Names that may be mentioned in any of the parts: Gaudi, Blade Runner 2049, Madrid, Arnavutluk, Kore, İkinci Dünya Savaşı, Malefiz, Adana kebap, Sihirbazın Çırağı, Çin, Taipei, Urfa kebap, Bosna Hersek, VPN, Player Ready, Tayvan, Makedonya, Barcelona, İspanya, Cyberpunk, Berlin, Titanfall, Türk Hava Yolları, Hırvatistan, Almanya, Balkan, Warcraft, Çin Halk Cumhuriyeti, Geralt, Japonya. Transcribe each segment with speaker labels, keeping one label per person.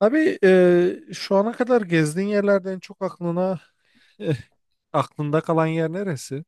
Speaker 1: Abi şu ana kadar gezdiğin yerlerde en çok aklında kalan yer neresi?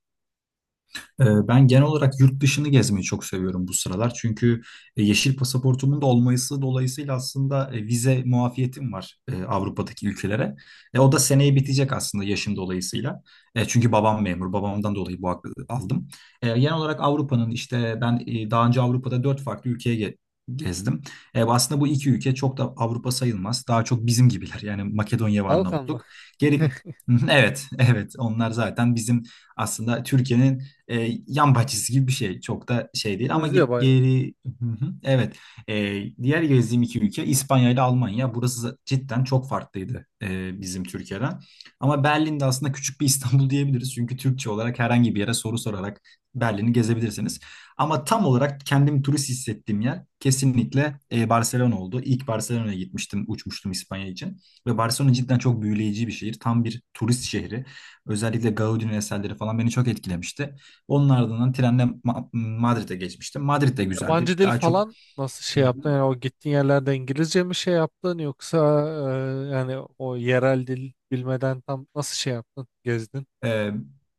Speaker 2: Ben genel olarak yurt dışını gezmeyi çok seviyorum bu sıralar. Çünkü yeşil pasaportumun da olması dolayısıyla aslında vize muafiyetim var Avrupa'daki ülkelere. O da seneye bitecek aslında yaşım dolayısıyla. Çünkü babam memur. Babamdan dolayı bu hakkı aldım. Genel olarak Avrupa'nın işte ben, daha önce Avrupa'da dört farklı ülkeye gezdim. Aslında bu iki ülke çok da Avrupa sayılmaz. Daha çok bizim gibiler. Yani Makedonya ve
Speaker 1: Balkan mı?
Speaker 2: Arnavutluk. Geri... Evet, evet. Onlar zaten bizim, aslında Türkiye'nin yan bahçesi gibi bir şey. Çok da şey değil ama
Speaker 1: Benziyor bayağı.
Speaker 2: geri. Hı hı, evet. Diğer gezdiğim iki ülke İspanya ile Almanya. Burası cidden çok farklıydı bizim Türkiye'den. Ama Berlin'de aslında küçük bir İstanbul diyebiliriz. Çünkü Türkçe olarak herhangi bir yere soru sorarak Berlin'i gezebilirsiniz. Ama tam olarak kendim turist hissettiğim yer kesinlikle Barcelona oldu. İlk Barcelona'ya gitmiştim, uçmuştum İspanya için. Ve Barcelona cidden çok büyüleyici bir şehir. Tam bir turist şehri. Özellikle Gaudi'nin eserleri falan beni çok etkilemişti. Onun ardından trenle Madrid'e geçmiştim. Madrid de güzeldi.
Speaker 1: Yabancı dil
Speaker 2: Daha çok.
Speaker 1: falan nasıl
Speaker 2: Hı
Speaker 1: şey yaptın?
Speaker 2: hı.
Speaker 1: Yani o gittiğin yerlerde İngilizce mi şey yaptın, yoksa yani o yerel dil bilmeden tam nasıl şey yaptın? Gezdin.
Speaker 2: ee,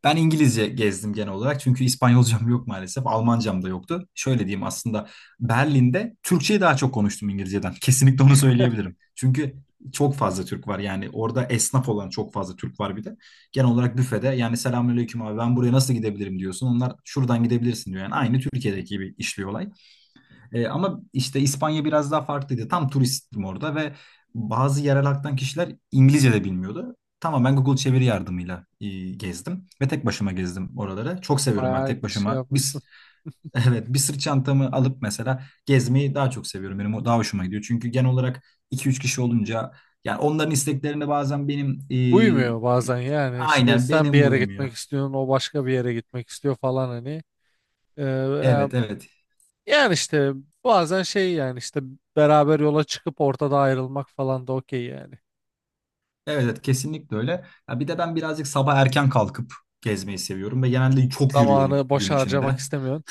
Speaker 2: ben İngilizce gezdim genel olarak çünkü İspanyolcam yok maalesef. Almancam da yoktu. Şöyle diyeyim, aslında Berlin'de Türkçeyi daha çok konuştum İngilizceden. Kesinlikle onu söyleyebilirim. Çünkü çok fazla Türk var, yani orada esnaf olan çok fazla Türk var bir de. Genel olarak büfede, yani selamünaleyküm abi ben buraya nasıl gidebilirim diyorsun. Onlar şuradan gidebilirsin diyor. Yani aynı Türkiye'deki gibi işliyor olay. Ama işte İspanya biraz daha farklıydı. Tam turistim orada ve bazı yerel halktan kişiler İngilizce de bilmiyordu. Tamamen Google çeviri yardımıyla gezdim ve tek başıma gezdim oraları. Çok seviyorum ben
Speaker 1: Bayağı
Speaker 2: tek
Speaker 1: şey
Speaker 2: başıma.
Speaker 1: yapmışsın.
Speaker 2: Biz... Evet, bir sırt çantamı alıp mesela gezmeyi daha çok seviyorum. Benim o daha hoşuma gidiyor. Çünkü genel olarak iki üç kişi olunca yani onların isteklerine bazen benim,
Speaker 1: Uymuyor
Speaker 2: e,
Speaker 1: bazen yani, işte
Speaker 2: aynen
Speaker 1: sen bir
Speaker 2: benim
Speaker 1: yere
Speaker 2: uymuyor.
Speaker 1: gitmek istiyorsun, o başka bir yere gitmek istiyor falan hani. E,
Speaker 2: Evet, evet.
Speaker 1: Yani işte bazen şey, yani işte beraber yola çıkıp ortada ayrılmak falan da okey yani.
Speaker 2: Evet, evet, kesinlikle öyle. Ya bir de ben birazcık sabah erken kalkıp gezmeyi seviyorum ve genelde çok yürüyorum
Speaker 1: Zamanı
Speaker 2: gün
Speaker 1: boşa harcamak
Speaker 2: içinde.
Speaker 1: istemiyorsun.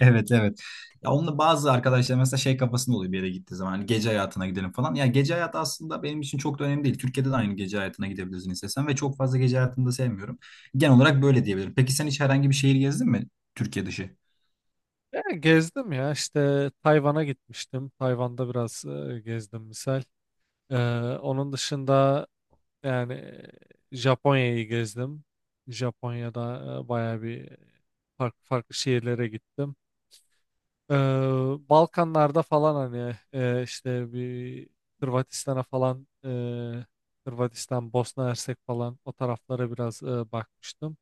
Speaker 2: Evet, evet. Ya onunla bazı arkadaşlar mesela şey kafasında oluyor, bir yere gittiği zaman hani gece hayatına gidelim falan. Ya gece hayatı aslında benim için çok da önemli değil. Türkiye'de de aynı gece hayatına gidebilirsin istesen ve çok fazla gece hayatını da sevmiyorum. Genel olarak böyle diyebilirim. Peki sen hiç herhangi bir şehir gezdin mi, Türkiye dışı?
Speaker 1: Yani gezdim ya, işte Tayvan'a gitmiştim. Tayvan'da biraz gezdim misal. Ee, onun dışında yani Japonya'yı gezdim. Japonya'da bayağı bir farklı farklı şehirlere gittim. Ee, Balkanlarda falan hani işte bir Hırvatistan'a falan Hırvatistan, Bosna Hersek falan o taraflara biraz bakmıştım.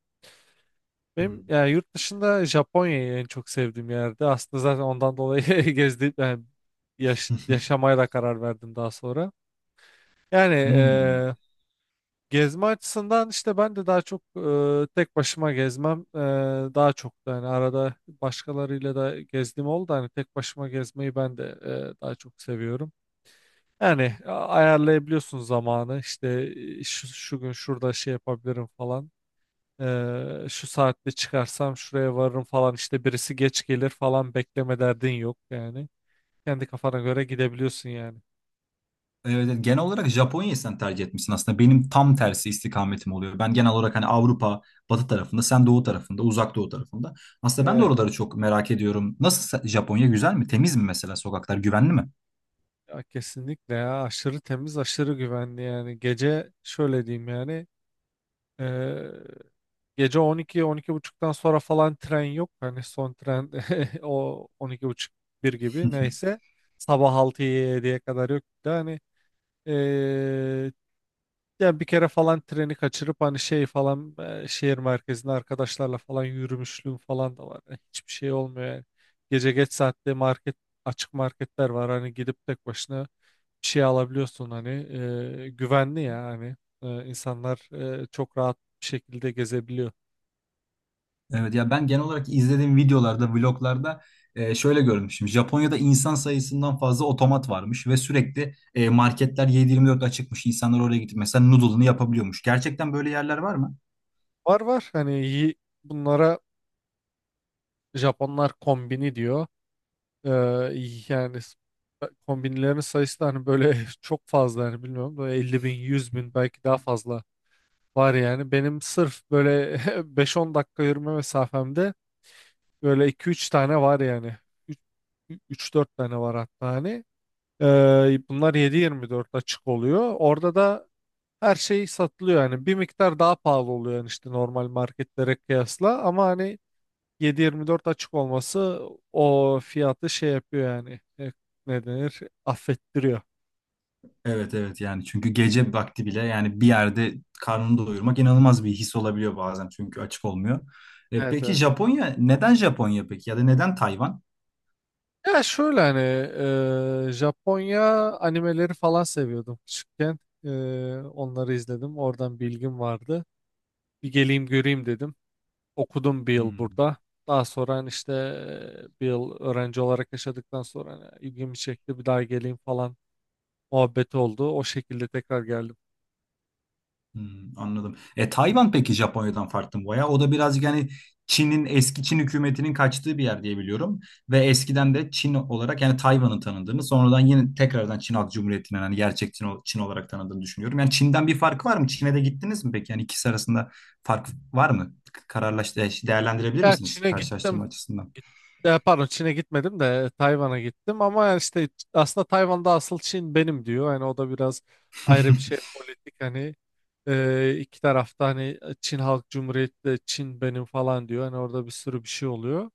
Speaker 1: Benim
Speaker 2: Hmm.
Speaker 1: yani yurt dışında Japonya'yı en çok sevdiğim yerdi. Aslında zaten ondan dolayı gezdim yani, yaşamaya da karar verdim daha sonra. Yani
Speaker 2: Hmm.
Speaker 1: e, Gezme açısından işte ben de daha çok tek başıma gezmem, daha çok da hani arada başkalarıyla da gezdiğim oldu. Da hani tek başıma gezmeyi ben de daha çok seviyorum. Yani ayarlayabiliyorsun zamanı, işte şu gün şurada şey yapabilirim falan. Şu saatte çıkarsam şuraya varırım falan, işte birisi geç gelir falan bekleme derdin yok yani. Kendi kafana göre gidebiliyorsun yani.
Speaker 2: Evet, evet. Genel olarak Japonya'yı sen tercih etmişsin aslında. Benim tam tersi istikametim oluyor. Ben genel olarak hani Avrupa, batı tarafında, sen doğu tarafında, uzak doğu tarafında. Aslında ben de oraları çok merak ediyorum. Nasıl, Japonya güzel mi? Temiz mi mesela sokaklar? Güvenli mi?
Speaker 1: Ya kesinlikle ya, aşırı temiz, aşırı güvenli. Yani gece şöyle diyeyim, yani eee, gece 12, 12 buçuktan sonra falan tren yok hani. Son tren o 12 buçuk, bir gibi neyse, sabah altı 7ye kadar yok. Bir de hani eee ya bir kere falan treni kaçırıp hani şey falan, şehir merkezinde arkadaşlarla falan yürümüşlüğüm falan da var. Yani hiçbir şey olmuyor yani. Gece geç saatte market, açık marketler var hani, gidip tek başına şey alabiliyorsun hani, güvenli ya hani. İnsanlar çok rahat bir şekilde gezebiliyor.
Speaker 2: Evet, ya ben genel olarak izlediğim videolarda, vloglarda, şöyle görmüşüm. Japonya'da insan sayısından fazla otomat varmış ve sürekli, marketler 7-24 açıkmış. İnsanlar oraya gidip mesela noodle'ını yapabiliyormuş. Gerçekten böyle yerler var mı?
Speaker 1: Var var, hani iyi, bunlara Japonlar kombini diyor. E, yani kombinlerin sayısı da hani böyle çok fazla, hani bilmiyorum, böyle 50 bin, 100 bin belki, daha fazla var yani. Benim sırf böyle 5-10 dakika yürüme mesafemde böyle 2-3 tane var yani. 3-4 tane var hatta hani. Bunlar 7-24 açık oluyor. Orada da her şey satılıyor yani, bir miktar daha pahalı oluyor yani işte, normal marketlere kıyasla, ama hani 7-24 açık olması o fiyatı şey yapıyor yani. Ne denir, affettiriyor.
Speaker 2: Evet, evet, yani çünkü gece vakti bile yani bir yerde karnını doyurmak inanılmaz bir his olabiliyor bazen, çünkü açık olmuyor. E,
Speaker 1: Evet,
Speaker 2: peki
Speaker 1: evet.
Speaker 2: Japonya neden Japonya, peki ya da neden Tayvan?
Speaker 1: Ya şöyle hani, Japonya animeleri falan seviyordum küçükken. Onları izledim, oradan bilgim vardı, bir geleyim göreyim dedim, okudum bir yıl
Speaker 2: Hmm.
Speaker 1: burada. Daha sonra hani işte bir yıl öğrenci olarak yaşadıktan sonra hani ilgimi çekti, bir daha geleyim falan muhabbeti oldu. O şekilde tekrar geldim.
Speaker 2: Hmm, anladım. E Tayvan peki, Japonya'dan farklı mı baya? O da birazcık, yani Çin'in, eski Çin hükümetinin kaçtığı bir yer diye biliyorum. Ve eskiden de Çin olarak, yani Tayvan'ın tanındığını, sonradan yine tekrardan Çin Halk Cumhuriyeti'nin hani gerçek Çin, Çin olarak tanındığını düşünüyorum. Yani Çin'den bir farkı var mı? Çin'e de gittiniz mi peki? Yani ikisi arasında fark var mı? Kararlaştı, değerlendirebilir
Speaker 1: Ya
Speaker 2: misiniz
Speaker 1: Çin'e gittim.
Speaker 2: karşılaştırma açısından?
Speaker 1: Git- Ya pardon, Çin'e gitmedim de Tayvan'a gittim. Ama yani işte aslında Tayvan'da asıl Çin benim diyor. Hani o da biraz ayrı bir şey, politik hani, iki tarafta hani, Çin Halk Cumhuriyeti de Çin benim falan diyor. Hani orada bir sürü bir şey oluyor.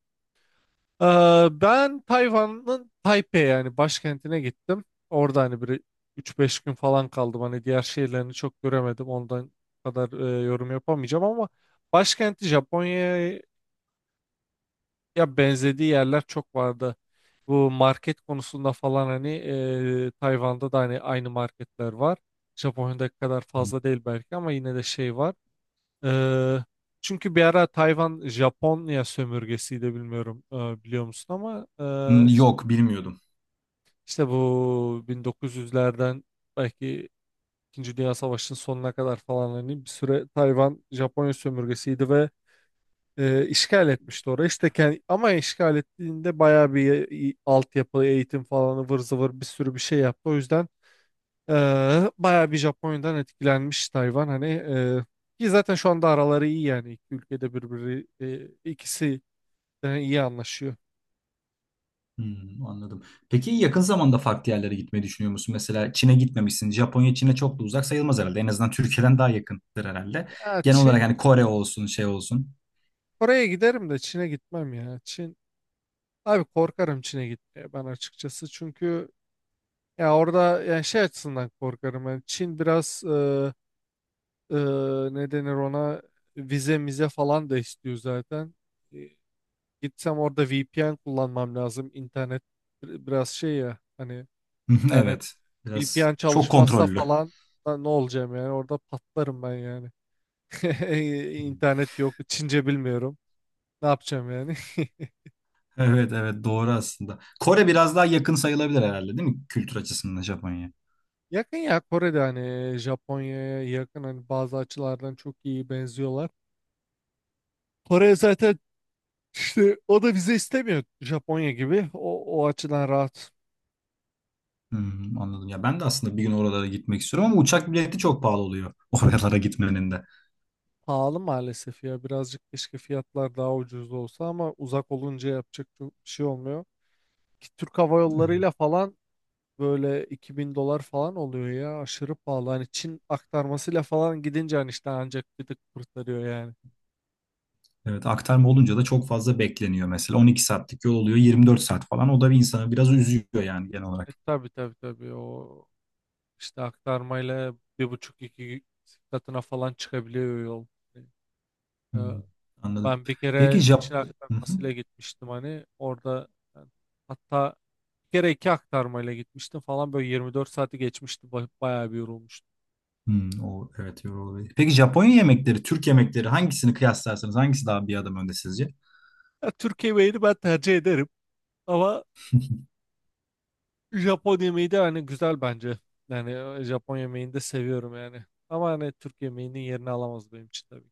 Speaker 1: Ben Tayvan'ın Taipei yani başkentine gittim. Orada hani bir üç beş gün falan kaldım. Hani diğer şehirlerini çok göremedim. Ondan kadar yorum yapamayacağım, ama başkenti Japonya'ya benzediği yerler çok vardı. Bu market konusunda falan hani, Tayvan'da da hani aynı marketler var. Japonya'daki kadar fazla değil belki, ama yine de şey var. Ee, çünkü bir ara Tayvan Japonya sömürgesiydi, bilmiyorum biliyor musun ama, e,
Speaker 2: Hmm, yok bilmiyordum.
Speaker 1: İşte bu 1900'lerden belki İkinci Dünya Savaşı'nın sonuna kadar falan hani, bir süre Tayvan Japonya sömürgesiydi ve işgal etmişti orayı. İşte kendi, ama işgal ettiğinde bayağı bir altyapı, eğitim falan, ıvır zıvır bir sürü bir şey yaptı. O yüzden e, bayağı bir Japonya'dan etkilenmiş Tayvan. Hani ki zaten şu anda araları iyi yani, iki ülkede birbiri, ikisi de iyi anlaşıyor.
Speaker 2: Hmm, anladım. Peki yakın zamanda farklı yerlere gitmeyi düşünüyor musun? Mesela Çin'e gitmemişsin. Japonya Çin'e çok da uzak sayılmaz herhalde. En azından Türkiye'den daha yakındır herhalde.
Speaker 1: Ya
Speaker 2: Genel olarak
Speaker 1: Çin,
Speaker 2: hani Kore olsun, şey olsun.
Speaker 1: Kore'ye giderim de Çin'e gitmem ya. Çin, abi korkarım Çin'e gitmeye ben, açıkçası. Çünkü ya orada yani şey açısından korkarım. Yani Çin biraz e, ne denir ona, vize mize falan da istiyor zaten. E, gitsem orada VPN kullanmam lazım. İnternet biraz şey ya hani, internet
Speaker 2: Evet. Biraz
Speaker 1: VPN
Speaker 2: çok
Speaker 1: çalışmazsa
Speaker 2: kontrollü.
Speaker 1: falan da ne olacağım yani, orada patlarım ben yani. İnternet yok, Çince bilmiyorum. Ne yapacağım yani?
Speaker 2: Evet, evet, doğru aslında. Kore biraz daha yakın sayılabilir herhalde, değil mi, kültür açısından Japonya'ya?
Speaker 1: Yakın ya Kore'de, hani Japonya'ya yakın hani, bazı açılardan çok iyi benziyorlar. Kore zaten işte o da vize istemiyor Japonya gibi. O açıdan rahat.
Speaker 2: Hmm, anladım. Ya ben de aslında bir gün oralara gitmek istiyorum ama uçak bileti çok pahalı oluyor oralara gitmenin de.
Speaker 1: Pahalı maalesef ya, birazcık keşke fiyatlar daha ucuz olsa, ama uzak olunca yapacak çok bir şey olmuyor. Ki Türk Hava
Speaker 2: Evet.
Speaker 1: Yolları'yla falan böyle 2000 dolar falan oluyor ya, aşırı pahalı. Hani Çin aktarmasıyla falan gidince hani işte ancak bir tık kurtarıyor yani.
Speaker 2: Evet, aktarma olunca da çok fazla bekleniyor mesela. 12 saatlik yol oluyor, 24 saat falan. O da bir insanı biraz üzüyor yani genel olarak.
Speaker 1: Tabii, tabii, tabii, o İşte aktarmayla bir buçuk iki katına falan çıkabiliyor yol. Yani, e,
Speaker 2: Hmm, anladım.
Speaker 1: ben bir
Speaker 2: Peki
Speaker 1: kere
Speaker 2: Jap.
Speaker 1: Çin
Speaker 2: Hı hı.
Speaker 1: aktarmasıyla gitmiştim, hani orada yani, hatta bir kere iki aktarmayla gitmiştim falan, böyle 24 saati geçmişti, bayağı bir yorulmuştum.
Speaker 2: Hmm, o evet, yorucu olabilir. Peki Japonya yemekleri, Türk yemekleri, hangisini kıyaslarsanız hangisi daha bir adım önde sizce?
Speaker 1: Ya, Türk yemeğini ben tercih ederim, ama Japon yemeği de hani güzel bence. Yani Japon yemeğini de seviyorum yani. Ama hani Türk yemeğinin yerini alamaz benim için tabii.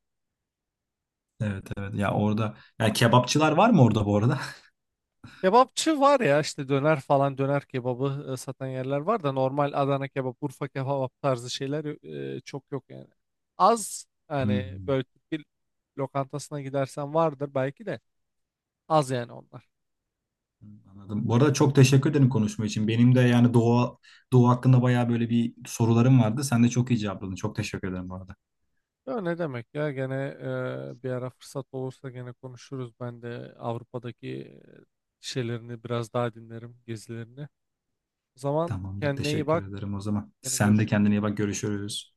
Speaker 2: Evet, evet, ya orada, ya kebapçılar var mı orada bu arada?
Speaker 1: Kebapçı var ya, işte döner falan, döner kebabı satan yerler var, da normal Adana kebap, Urfa kebap tarzı şeyler çok yok yani. Az yani,
Speaker 2: Hmm,
Speaker 1: böyle Türk bir lokantasına gidersen vardır belki, de az yani onlar.
Speaker 2: anladım. Bu arada çok teşekkür ederim konuşma için. Benim de yani Doğu, Doğu hakkında bayağı böyle bir sorularım vardı. Sen de çok iyi cevapladın. Çok teşekkür ederim bu arada.
Speaker 1: Ya ne demek ya, gene bir ara fırsat olursa gene konuşuruz. Ben de Avrupa'daki şeylerini biraz daha dinlerim, gezilerini. O zaman
Speaker 2: Tamamdır.
Speaker 1: kendine iyi bak.
Speaker 2: Teşekkür ederim o zaman.
Speaker 1: Gene
Speaker 2: Sen de kendine
Speaker 1: görüşürüz.
Speaker 2: iyi bak. Görüşürüz.